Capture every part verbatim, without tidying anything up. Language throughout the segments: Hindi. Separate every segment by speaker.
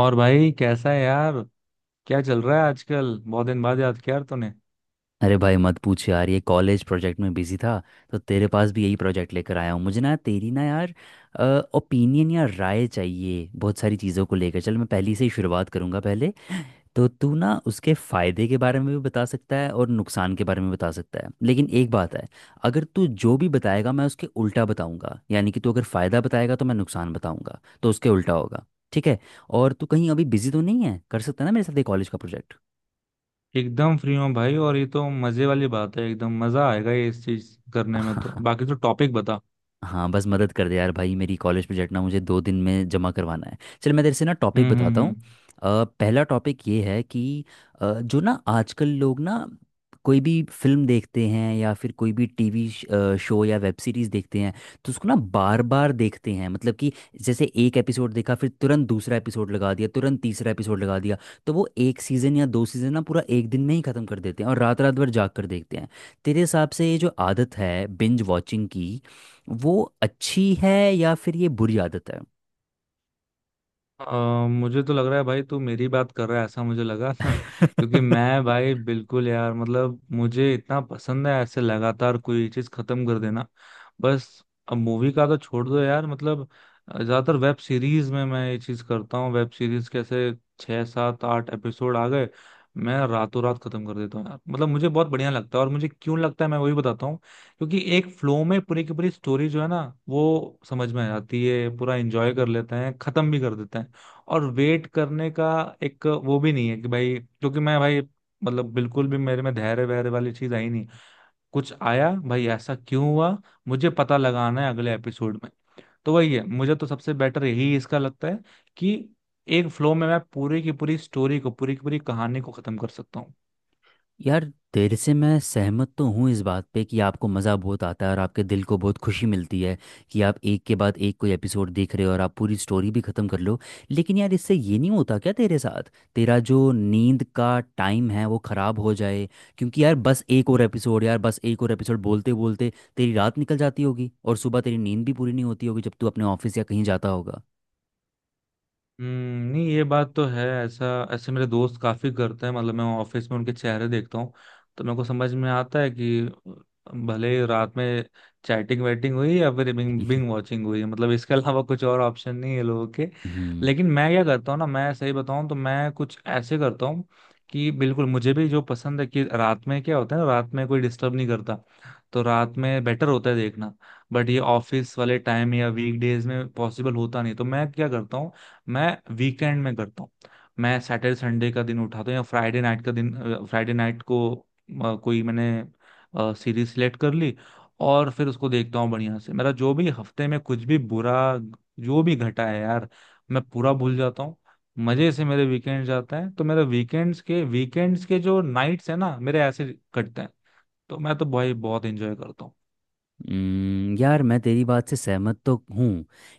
Speaker 1: और भाई कैसा है यार। क्या चल रहा है आजकल? बहुत दिन बाद याद किया यार तूने।
Speaker 2: अरे भाई मत पूछ यार, ये कॉलेज प्रोजेक्ट में बिजी था। तो तेरे पास भी यही प्रोजेक्ट लेकर आया हूँ। मुझे ना तेरी ना यार ओपिनियन या राय चाहिए बहुत सारी चीज़ों को लेकर। चल मैं पहली से ही शुरुआत करूँगा। पहले तो तू ना उसके फ़ायदे के बारे में भी बता सकता है और नुकसान के बारे में बता सकता है, लेकिन एक बात है। अगर तू जो भी बताएगा मैं उसके उल्टा बताऊँगा, यानी कि तू अगर फ़ायदा बताएगा तो मैं नुकसान बताऊँगा, तो उसके उल्टा होगा। ठीक है। और तू कहीं अभी बिजी तो नहीं है? कर सकता है ना मेरे साथ ये कॉलेज का प्रोजेक्ट?
Speaker 1: एकदम फ्री हूँ भाई। और ये तो मजे वाली बात है, एकदम मजा आएगा ये इस चीज करने में। तो बाकी तो टॉपिक बता।
Speaker 2: हाँ, बस मदद कर दे यार भाई, मेरी कॉलेज प्रोजेक्ट ना मुझे दो दिन में जमा करवाना है। चल मैं तेरे से ना टॉपिक
Speaker 1: हम्म।
Speaker 2: बताता
Speaker 1: हम्म।
Speaker 2: हूँ।
Speaker 1: हम्म।
Speaker 2: अ, पहला टॉपिक ये है कि अ, जो ना आजकल लोग ना कोई भी फिल्म देखते हैं या फिर कोई भी टीवी शो या वेब सीरीज देखते हैं, तो उसको ना बार बार देखते हैं। मतलब कि जैसे एक एपिसोड देखा फिर तुरंत दूसरा एपिसोड लगा दिया, तुरंत तीसरा एपिसोड लगा दिया। तो वो एक सीज़न या दो सीज़न ना पूरा एक दिन में ही ख़त्म कर देते हैं और रात रात भर जाग कर देखते हैं। तेरे हिसाब से ये जो आदत है बिंज वॉचिंग की, वो अच्छी है या फिर ये बुरी आदत है?
Speaker 1: अ, मुझे तो लग रहा है भाई तू मेरी बात कर रहा है, ऐसा मुझे लगा ना। क्योंकि मैं भाई बिल्कुल यार मतलब मुझे इतना पसंद है ऐसे लगातार कोई चीज खत्म कर देना। बस। अब मूवी का तो छोड़ दो यार, मतलब अ, ज्यादातर वेब सीरीज में मैं ये चीज करता हूँ। वेब सीरीज कैसे छह सात आठ एपिसोड आ गए, मैं रातों रात खत्म कर देता हूँ यार। मतलब मुझे बहुत बढ़िया लगता है। और मुझे क्यों लगता है मैं वही बताता हूँ। क्योंकि एक फ्लो में पूरी की पूरी स्टोरी जो है ना, वो समझ में आ जाती है, पूरा एंजॉय कर लेते हैं, खत्म भी कर देते हैं। और वेट करने का एक वो भी नहीं है कि भाई, क्योंकि मैं भाई, मतलब बिल्कुल भी मेरे में धैर्य वैर्य वाली चीज आई नहीं। कुछ आया भाई, ऐसा क्यों हुआ, मुझे पता लगाना है अगले एपिसोड में। तो वही है, मुझे तो सबसे बेटर यही इसका लगता है कि एक फ्लो में मैं पूरी की पूरी स्टोरी को, पूरी की पूरी कहानी को खत्म कर सकता हूँ।
Speaker 2: यार, तेरे से मैं सहमत तो हूँ इस बात पे कि आपको मज़ा बहुत आता है और आपके दिल को बहुत खुशी मिलती है कि आप एक के बाद एक कोई एपिसोड देख रहे हो और आप पूरी स्टोरी भी ख़त्म कर लो। लेकिन यार, इससे ये नहीं होता क्या तेरे साथ तेरा जो नींद का टाइम है वो ख़राब हो जाए? क्योंकि यार बस एक और एपिसोड, यार बस एक और एपिसोड बोलते बोलते तेरी रात निकल जाती होगी और सुबह तेरी नींद भी पूरी नहीं होती होगी जब तू अपने ऑफिस या कहीं जाता होगा।
Speaker 1: हम्म, नहीं ये बात तो है। ऐसा, ऐसे मेरे दोस्त काफी करते हैं, मतलब मैं ऑफिस में उनके चेहरे देखता हूँ तो मेरे को समझ में आता है कि भले ही रात में चैटिंग वैटिंग हुई या फिर बिंग बिंग वॉचिंग हुई, मतलब इसके अलावा कुछ और ऑप्शन नहीं है लोगों के।
Speaker 2: हम्म।
Speaker 1: लेकिन मैं क्या करता हूँ ना, मैं सही बताऊँ तो मैं कुछ ऐसे करता हूँ कि बिल्कुल मुझे भी जो पसंद है कि रात में क्या होता है ना, रात में कोई डिस्टर्ब नहीं करता, तो रात में बेटर होता है देखना। बट ये ऑफिस वाले टाइम या वीक डेज में पॉसिबल होता नहीं, तो मैं क्या करता हूँ, मैं वीकेंड में करता हूँ। मैं सैटरडे संडे का दिन उठाता हूँ या फ्राइडे नाइट का दिन। फ्राइडे नाइट को अ, कोई मैंने सीरीज सिलेक्ट कर ली। और फिर उसको देखता हूँ बढ़िया से। मेरा जो भी हफ्ते में कुछ भी बुरा, जो भी घटा है यार, मैं पूरा भूल जाता हूँ। मजे से मेरे वीकेंड जाता है, तो मेरे वीकेंड्स के वीकेंड्स के जो नाइट्स है ना, मेरे ऐसे कटते हैं। तो मैं तो भाई बहुत एंजॉय करता हूँ।
Speaker 2: हम्म, यार मैं तेरी बात से सहमत तो हूँ।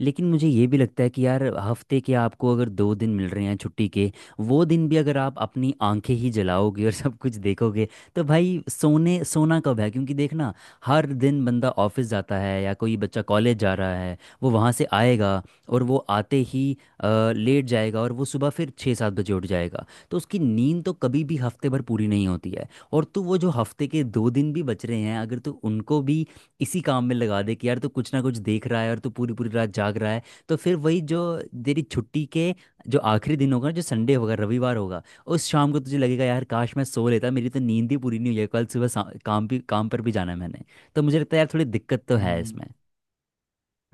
Speaker 2: लेकिन मुझे ये भी लगता है कि यार, हफ्ते के आपको अगर दो दिन मिल रहे हैं छुट्टी के, वो दिन भी अगर आप अपनी आंखें ही जलाओगे और सब कुछ देखोगे, तो भाई सोने सोना कब है? क्योंकि देखना, हर दिन बंदा ऑफिस जाता है या कोई बच्चा कॉलेज जा रहा है, वो वहाँ से आएगा और वो आते ही अ, लेट जाएगा और वो सुबह फिर छः सात बजे उठ जाएगा। तो उसकी नींद तो कभी भी हफ्ते भर पूरी नहीं होती है, और तू वो जो हफ्ते के दो दिन भी बच रहे हैं, अगर तू उनको भी इसी काम में लगा दे कि यार तू कुछ ना कुछ देख रहा है और तू पूरी पूरी रात जाग रहा है, तो फिर वही जो तेरी छुट्टी के जो आखिरी दिन होगा ना, जो संडे होगा रविवार होगा, उस शाम को तुझे लगेगा यार काश मैं सो लेता, मेरी तो नींद ही पूरी नहीं हुई है, कल सुबह सा- काम भी, काम पर भी जाना है मैंने। तो मुझे लगता है यार थोड़ी दिक्कत तो है
Speaker 1: हम्म।
Speaker 2: इसमें।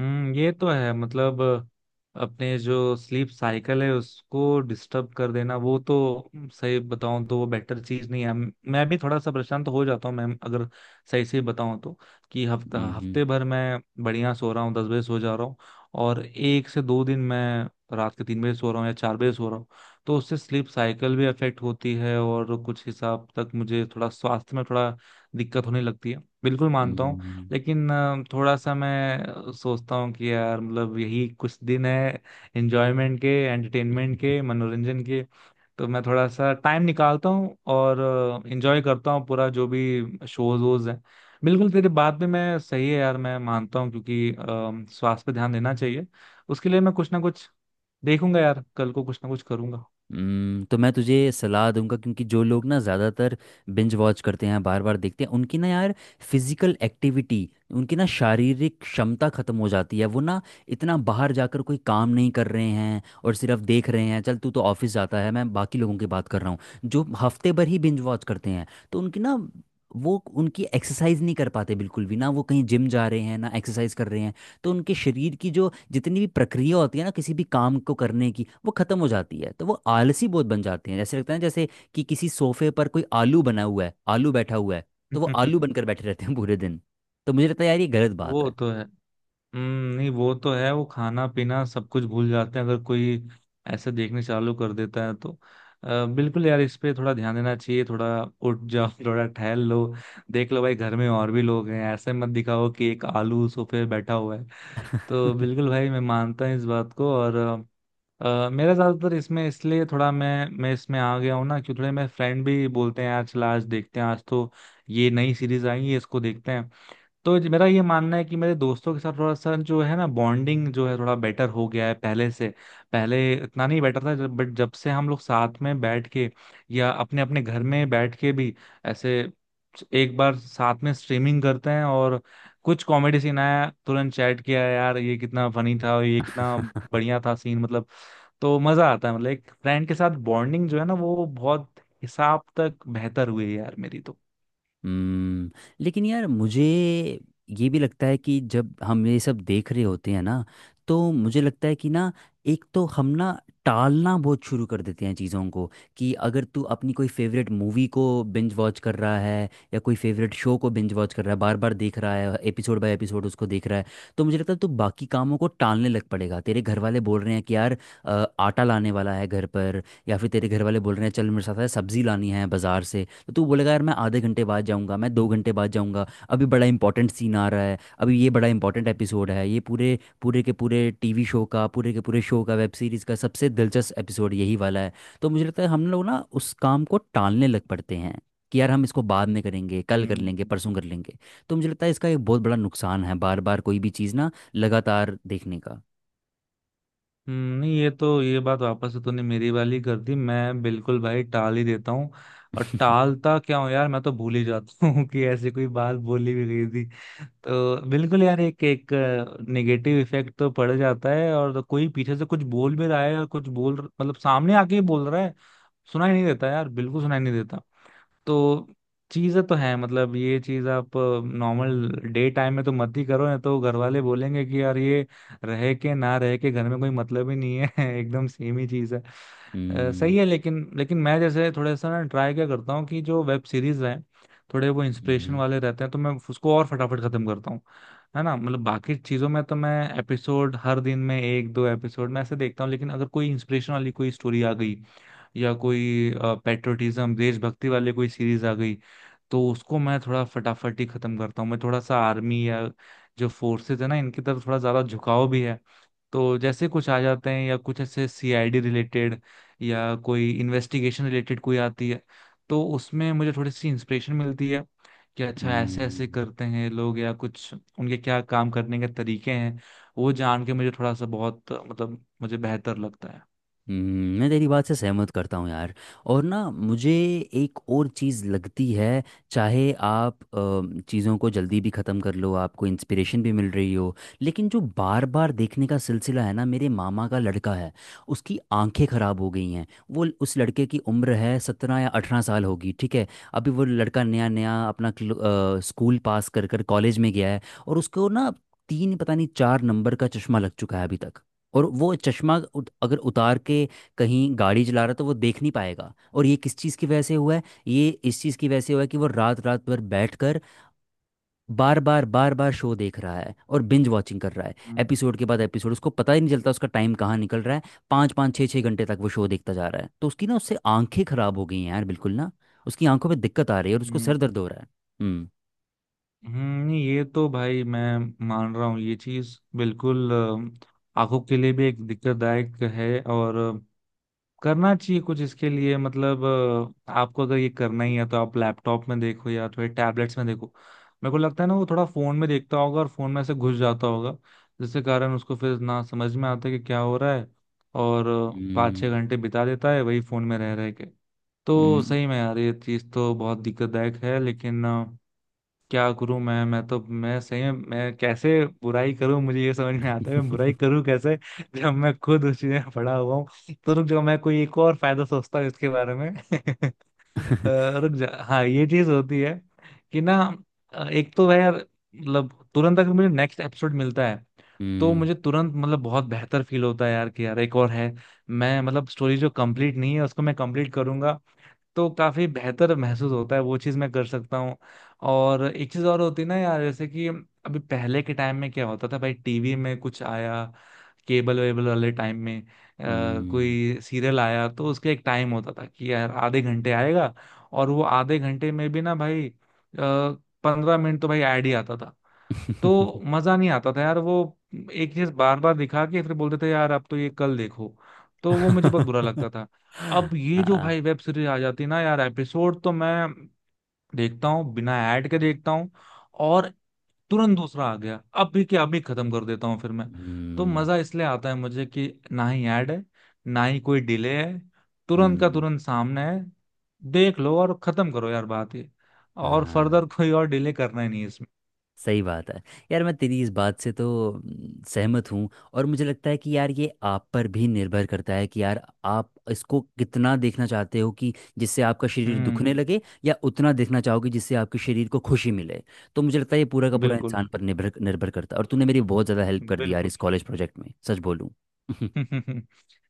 Speaker 1: हम्म, ये तो है, मतलब अपने जो स्लीप साइकिल है उसको डिस्टर्ब कर देना, वो तो, सही बताऊं तो वो बेटर चीज नहीं है। मैं भी थोड़ा सा परेशान तो हो जाता हूँ मैम, अगर सही से बताऊं तो, कि हफ्ता
Speaker 2: हम्म।
Speaker 1: हफ्ते भर मैं बढ़िया सो रहा हूँ, दस बजे सो जा रहा हूँ। और एक से दो दिन मैं रात के तीन बजे सो रहा हूँ या चार बजे सो रहा हूँ। तो उससे स्लीप साइकिल भी अफेक्ट होती है और कुछ हिसाब तक मुझे थोड़ा स्वास्थ्य में थोड़ा दिक्कत होने लगती है। बिल्कुल मानता हूँ।
Speaker 2: हम्म।
Speaker 1: लेकिन अ, थोड़ा सा मैं अ, सोचता हूँ कि यार मतलब यही कुछ दिन है, एंजॉयमेंट के, एंटरटेनमेंट के, मनोरंजन के। तो मैं थोड़ा सा टाइम निकालता हूँ और एंजॉय करता हूँ पूरा जो भी शोज वोज हैं। बिल्कुल तेरी बात भी मैं सही है यार, मैं मानता हूँ, क्योंकि अ, स्वास्थ्य पे ध्यान देना चाहिए। उसके लिए मैं कुछ ना कुछ देखूंगा यार, कल को कुछ ना कुछ करूंगा।
Speaker 2: हम्म, तो मैं तुझे सलाह दूंगा क्योंकि जो लोग ना ज़्यादातर बिंज वॉच करते हैं, बार बार देखते हैं, उनकी ना यार फिजिकल एक्टिविटी, उनकी ना शारीरिक क्षमता खत्म हो जाती है। वो ना इतना बाहर जाकर कोई काम नहीं कर रहे हैं और सिर्फ देख रहे हैं। चल तू तो ऑफिस जाता है, मैं बाकी लोगों की बात कर रहा हूँ जो हफ्ते भर ही बिंज वॉच करते हैं। तो उनकी ना, वो उनकी एक्सरसाइज नहीं कर पाते बिल्कुल भी, ना वो कहीं जिम जा रहे हैं ना एक्सरसाइज कर रहे हैं। तो उनके शरीर की जो जितनी भी प्रक्रिया होती है ना किसी भी काम को करने की, वो खत्म हो जाती है। तो वो आलसी बहुत बन जाते हैं, जैसे लगता है ना जैसे कि किसी सोफे पर कोई आलू बना हुआ है, आलू बैठा हुआ है। तो वो आलू बनकर बैठे रहते हैं पूरे दिन। तो मुझे लगता है यार ये गलत बात
Speaker 1: वो
Speaker 2: है।
Speaker 1: तो है। हम्म, नहीं वो तो है, वो खाना पीना सब कुछ भूल जाते हैं अगर कोई ऐसे देखने चालू कर देता है तो। अ, बिल्कुल यार, इस पे थोड़ा ध्यान देना चाहिए, थोड़ा उठ जाओ थोड़ा टहल लो। देख लो भाई, घर में और भी लोग हैं, ऐसे मत दिखाओ कि एक आलू सोफे पे बैठा हुआ है। तो बिल्कुल भाई मैं मानता हूँ इस बात को। और अ, अ, मेरा ज्यादातर इसमें इसलिए थोड़ा मैं मैं इसमें आ गया हूँ ना, कि थोड़े मेरे फ्रेंड भी बोलते हैं यार, चला आज देखते हैं, आज तो ये नई सीरीज आई है, इसको देखते हैं। तो ज- मेरा ये मानना है कि मेरे दोस्तों के साथ थोड़ा सा जो है ना बॉन्डिंग, जो है थोड़ा बेटर हो गया है पहले से। पहले इतना नहीं बेटर था जब, बट जब से हम लोग साथ में बैठ के या अपने अपने घर में बैठ के भी, ऐसे एक बार साथ में स्ट्रीमिंग करते हैं और कुछ कॉमेडी सीन आया, तुरंत चैट किया यार ये कितना फनी था और ये कितना बढ़िया था सीन, मतलब तो मजा आता है, मतलब एक फ्रेंड के साथ बॉन्डिंग जो है ना, वो बहुत हिसाब तक बेहतर हुई है यार मेरी तो।
Speaker 2: हम्म। लेकिन यार, मुझे ये भी लगता है कि जब हम ये सब देख रहे होते हैं ना, तो मुझे लगता है कि ना, एक तो हम ना टालना बहुत शुरू कर देते हैं चीज़ों को। कि अगर तू अपनी कोई फेवरेट मूवी को बिंज वॉच कर रहा है, या कोई फेवरेट शो को बिंज वॉच कर रहा है, बार बार देख रहा है, एपिसोड बाय एपिसोड उसको देख रहा है, तो मुझे लगता है तू बाकी कामों को टालने लग पड़ेगा। तेरे घर वाले बोल रहे हैं कि यार अ, आटा लाने वाला है घर पर, या फिर तेरे घर वाले बोल रहे हैं चल मेरे साथ है सब्जी लानी है बाजार से। तो तू बोलेगा यार मैं आधे घंटे बाद जाऊंगा, मैं दो घंटे बाद जाऊंगा, अभी बड़ा इंपॉर्टेंट सीन आ रहा है, अभी ये बड़ा इंपॉर्टेंट एपिसोड है, ये पूरे पूरे के पूरे टीवी शो का पूरे के पूरे शो का वेब सीरीज का सबसे दिलचस्प एपिसोड यही वाला है। तो मुझे लगता है हम लोग ना उस काम को टालने लग पड़ते हैं कि यार हम इसको बाद में करेंगे, कल कर लेंगे,
Speaker 1: हम्म।
Speaker 2: परसों कर लेंगे। तो मुझे लगता है इसका एक बहुत बड़ा नुकसान है बार बार कोई भी चीज़ ना लगातार देखने का।
Speaker 1: हम्म, नहीं ये तो, ये बात वापस से तूने मेरी वाली कर दी, मैं बिल्कुल भाई टाल ही देता हूँ। और टालता क्या हूँ यार, मैं तो भूल ही जाता हूँ कि ऐसी कोई बात बोली भी गई थी। तो बिल्कुल यार, एक एक नेगेटिव इफेक्ट तो पड़ जाता है, और कोई पीछे से कुछ बोल भी रहा है और कुछ बोल, मतलब सामने आके ही बोल रहा है, सुनाई नहीं देता यार, बिल्कुल सुनाई नहीं देता। तो चीजें तो हैं, मतलब ये चीज आप नॉर्मल डे टाइम में तो मत ही करो, नहीं तो घर वाले बोलेंगे कि यार ये रह के ना रह के घर में कोई मतलब ही नहीं है एकदम सेम ही चीज है। अ,
Speaker 2: हम्म।
Speaker 1: सही है। लेकिन लेकिन मैं जैसे थोड़ा सा ना ट्राई क्या करता हूँ कि जो वेब सीरीज हैं थोड़े वो इंस्पिरेशन
Speaker 2: हम्म।
Speaker 1: वाले रहते हैं, तो मैं उसको और फटाफट खत्म करता हूँ। है ना? मतलब बाकी चीजों में तो मैं एपिसोड, हर दिन में एक दो एपिसोड मैं ऐसे देखता हूँ, लेकिन अगर कोई इंस्पिरेशन वाली कोई स्टोरी आ गई, या कोई पेट्रोटिज्म देशभक्ति वाले कोई सीरीज आ गई, तो उसको मैं थोड़ा फटाफट ही खत्म करता हूँ। मैं थोड़ा सा आर्मी या जो फोर्सेस है ना, इनकी तरफ थोड़ा ज्यादा झुकाव भी है, तो जैसे कुछ आ जाते हैं या कुछ ऐसे सी आई डी रिलेटेड, या कोई इन्वेस्टिगेशन रिलेटेड कोई आती है, तो उसमें मुझे थोड़ी सी इंस्पिरेशन मिलती है कि अच्छा, ऐसे ऐसे
Speaker 2: हम्म।
Speaker 1: करते हैं लोग या कुछ, उनके क्या काम करने के तरीके हैं, वो जान के मुझे थोड़ा सा बहुत मतलब मुझे बेहतर लगता है।
Speaker 2: हम्म, मैं तेरी बात से सहमत करता हूँ यार। और ना मुझे एक और चीज़ लगती है। चाहे आप चीज़ों को जल्दी भी ख़त्म कर लो, आपको इंस्पिरेशन भी मिल रही हो, लेकिन जो बार बार देखने का सिलसिला है ना, मेरे मामा का लड़का है, उसकी आंखें ख़राब हो गई हैं। वो उस लड़के की उम्र है सत्रह या अठारह साल होगी, ठीक है। अभी वो लड़का नया नया अपना क्लो- अ, स्कूल पास कर कर कॉलेज में गया है। और उसको ना तीन पता नहीं चार नंबर का चश्मा लग चुका है अभी तक। और वो चश्मा उत- अगर उतार के कहीं गाड़ी चला रहा है तो वो देख नहीं पाएगा। और ये किस चीज़ की वजह से हुआ है? ये इस चीज़ की वजह से हुआ है कि वो रात रात भर बैठ कर बार बार बार बार शो देख रहा है और बिंज वॉचिंग कर रहा है, एपिसोड के बाद एपिसोड, उसको पता ही नहीं चलता उसका टाइम कहाँ निकल रहा है। पाँच पाँच छः छः घंटे तक वो शो देखता जा रहा है, तो उसकी ना, उससे आंखें खराब हो गई हैं यार बिल्कुल ना। उसकी आंखों में दिक्कत आ रही है और उसको सर
Speaker 1: हम्म।
Speaker 2: दर्द हो रहा है। हम्म।
Speaker 1: हम्म, नहीं, ये तो भाई मैं मान रहा हूँ ये चीज बिल्कुल अ, आंखों के लिए भी एक दिक्कतदायक है, और अ, करना चाहिए कुछ इसके लिए, मतलब अ, आपको अगर ये करना ही है तो आप लैपटॉप में देखो या थोड़े टैबलेट्स में देखो। मेरे को लगता है ना, वो थोड़ा फोन में देखता होगा और फोन में ऐसे घुस जाता होगा, जिसके कारण उसको फिर ना समझ में आता कि क्या हो रहा है। और अ, पाँच छः
Speaker 2: हम्म।
Speaker 1: घंटे बिता देता है वही फोन में रह रह के। तो
Speaker 2: हम्म।
Speaker 1: सही में यार, ये चीज तो बहुत दिक्कतदायक है, लेकिन अ, क्या करूं मैं मैं तो, मैं सही में, मैं कैसे बुराई करूं? मुझे ये समझ में आता है, मैं बुराई करूं कैसे जब मैं खुद उस चीज में पड़ा हुआ हूं? तो रुक जाओ, मैं कोई एक और फायदा सोचता हूँ इसके बारे में। अ, रुक जा, हाँ ये चीज होती है कि ना, अ, एक तो वह यार, मतलब तुरंत अगर मुझे नेक्स्ट एपिसोड मिलता है, तो
Speaker 2: हम्म।
Speaker 1: मुझे तुरंत मतलब बहुत बेहतर फील होता है यार, कि यार एक और है। मैं, मतलब स्टोरी जो कंप्लीट नहीं है उसको मैं कंप्लीट करूंगा, तो काफी बेहतर महसूस होता है, वो चीज मैं कर सकता हूँ। और एक चीज और होती है ना यार, जैसे कि अभी पहले के टाइम में क्या होता था भाई, टी वी में कुछ आया, केबल वेबल वाले टाइम में, आ,
Speaker 2: हम्म।
Speaker 1: कोई सीरियल आया, तो उसके एक टाइम होता था कि यार आधे घंटे आएगा। और वो आधे घंटे में भी ना भाई, पंद्रह मिनट तो भाई ऐड ही आता था। तो मजा नहीं आता था यार, वो एक चीज बार बार दिखा के फिर बोलते थे यार अब तो ये कल देखो। तो वो मुझे बहुत बुरा लगता था। अब ये जो
Speaker 2: हाँ।
Speaker 1: भाई वेब सीरीज आ जाती है ना यार, एपिसोड तो मैं देखता हूँ, बिना ऐड के देखता हूँ, और तुरंत दूसरा आ गया अब भी, क्या अभी खत्म कर देता हूँ फिर मैं। तो
Speaker 2: हम्म।
Speaker 1: मजा इसलिए आता है मुझे कि ना ही ऐड है, ना ही कोई डिले है, तुरंत का
Speaker 2: हम्म,
Speaker 1: तुरंत सामने है। देख लो और खत्म करो यार, बात ये, और
Speaker 2: हाँ
Speaker 1: फर्दर कोई और डिले करना ही नहीं है इसमें।
Speaker 2: सही बात है। यार मैं तेरी इस बात से तो हम्म, सहमत हूँ। और मुझे लगता है कि यार ये आप पर भी निर्भर करता है कि यार आप इसको कितना देखना चाहते हो कि जिससे आपका शरीर दुखने
Speaker 1: हम्म,
Speaker 2: लगे, या उतना देखना चाहोगे जिससे आपके शरीर को खुशी मिले। तो मुझे लगता है ये पूरा का पूरा
Speaker 1: बिल्कुल,
Speaker 2: इंसान पर निर्भर निर्भर करता है, और तूने मेरी बहुत ज़्यादा हेल्प कर दी यार
Speaker 1: बिल्कुल
Speaker 2: इस कॉलेज प्रोजेक्ट में, सच बोलूँ।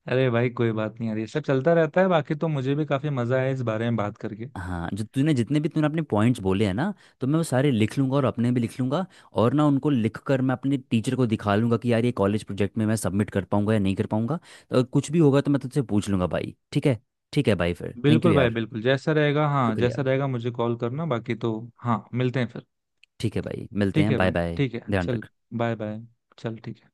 Speaker 1: अरे भाई कोई बात नहीं यार, ये सब चलता रहता है। बाकी तो मुझे भी काफी मजा आया इस बारे में बात करके।
Speaker 2: हाँ, जो तूने, जितने भी तूने अपने पॉइंट्स बोले हैं ना, तो मैं वो सारे लिख लूंगा और अपने भी लिख लूंगा। और ना उनको लिख कर मैं अपने टीचर को दिखा लूंगा कि यार ये कॉलेज प्रोजेक्ट में मैं सबमिट कर पाऊंगा या नहीं कर पाऊंगा। तो कुछ भी होगा तो मैं तुझसे पूछ लूंगा भाई, ठीक है। ठीक है भाई, फिर थैंक यू
Speaker 1: बिल्कुल भाई,
Speaker 2: यार।
Speaker 1: बिल्कुल जैसा रहेगा। हाँ,
Speaker 2: शुक्रिया।
Speaker 1: जैसा रहेगा मुझे कॉल करना। बाकी तो हाँ, मिलते हैं फिर।
Speaker 2: ठीक है भाई, मिलते
Speaker 1: ठीक
Speaker 2: हैं,
Speaker 1: है
Speaker 2: बाय
Speaker 1: भाई,
Speaker 2: बाय।
Speaker 1: ठीक है
Speaker 2: ध्यान
Speaker 1: चल।
Speaker 2: रख।
Speaker 1: बाय बाय, चल ठीक है।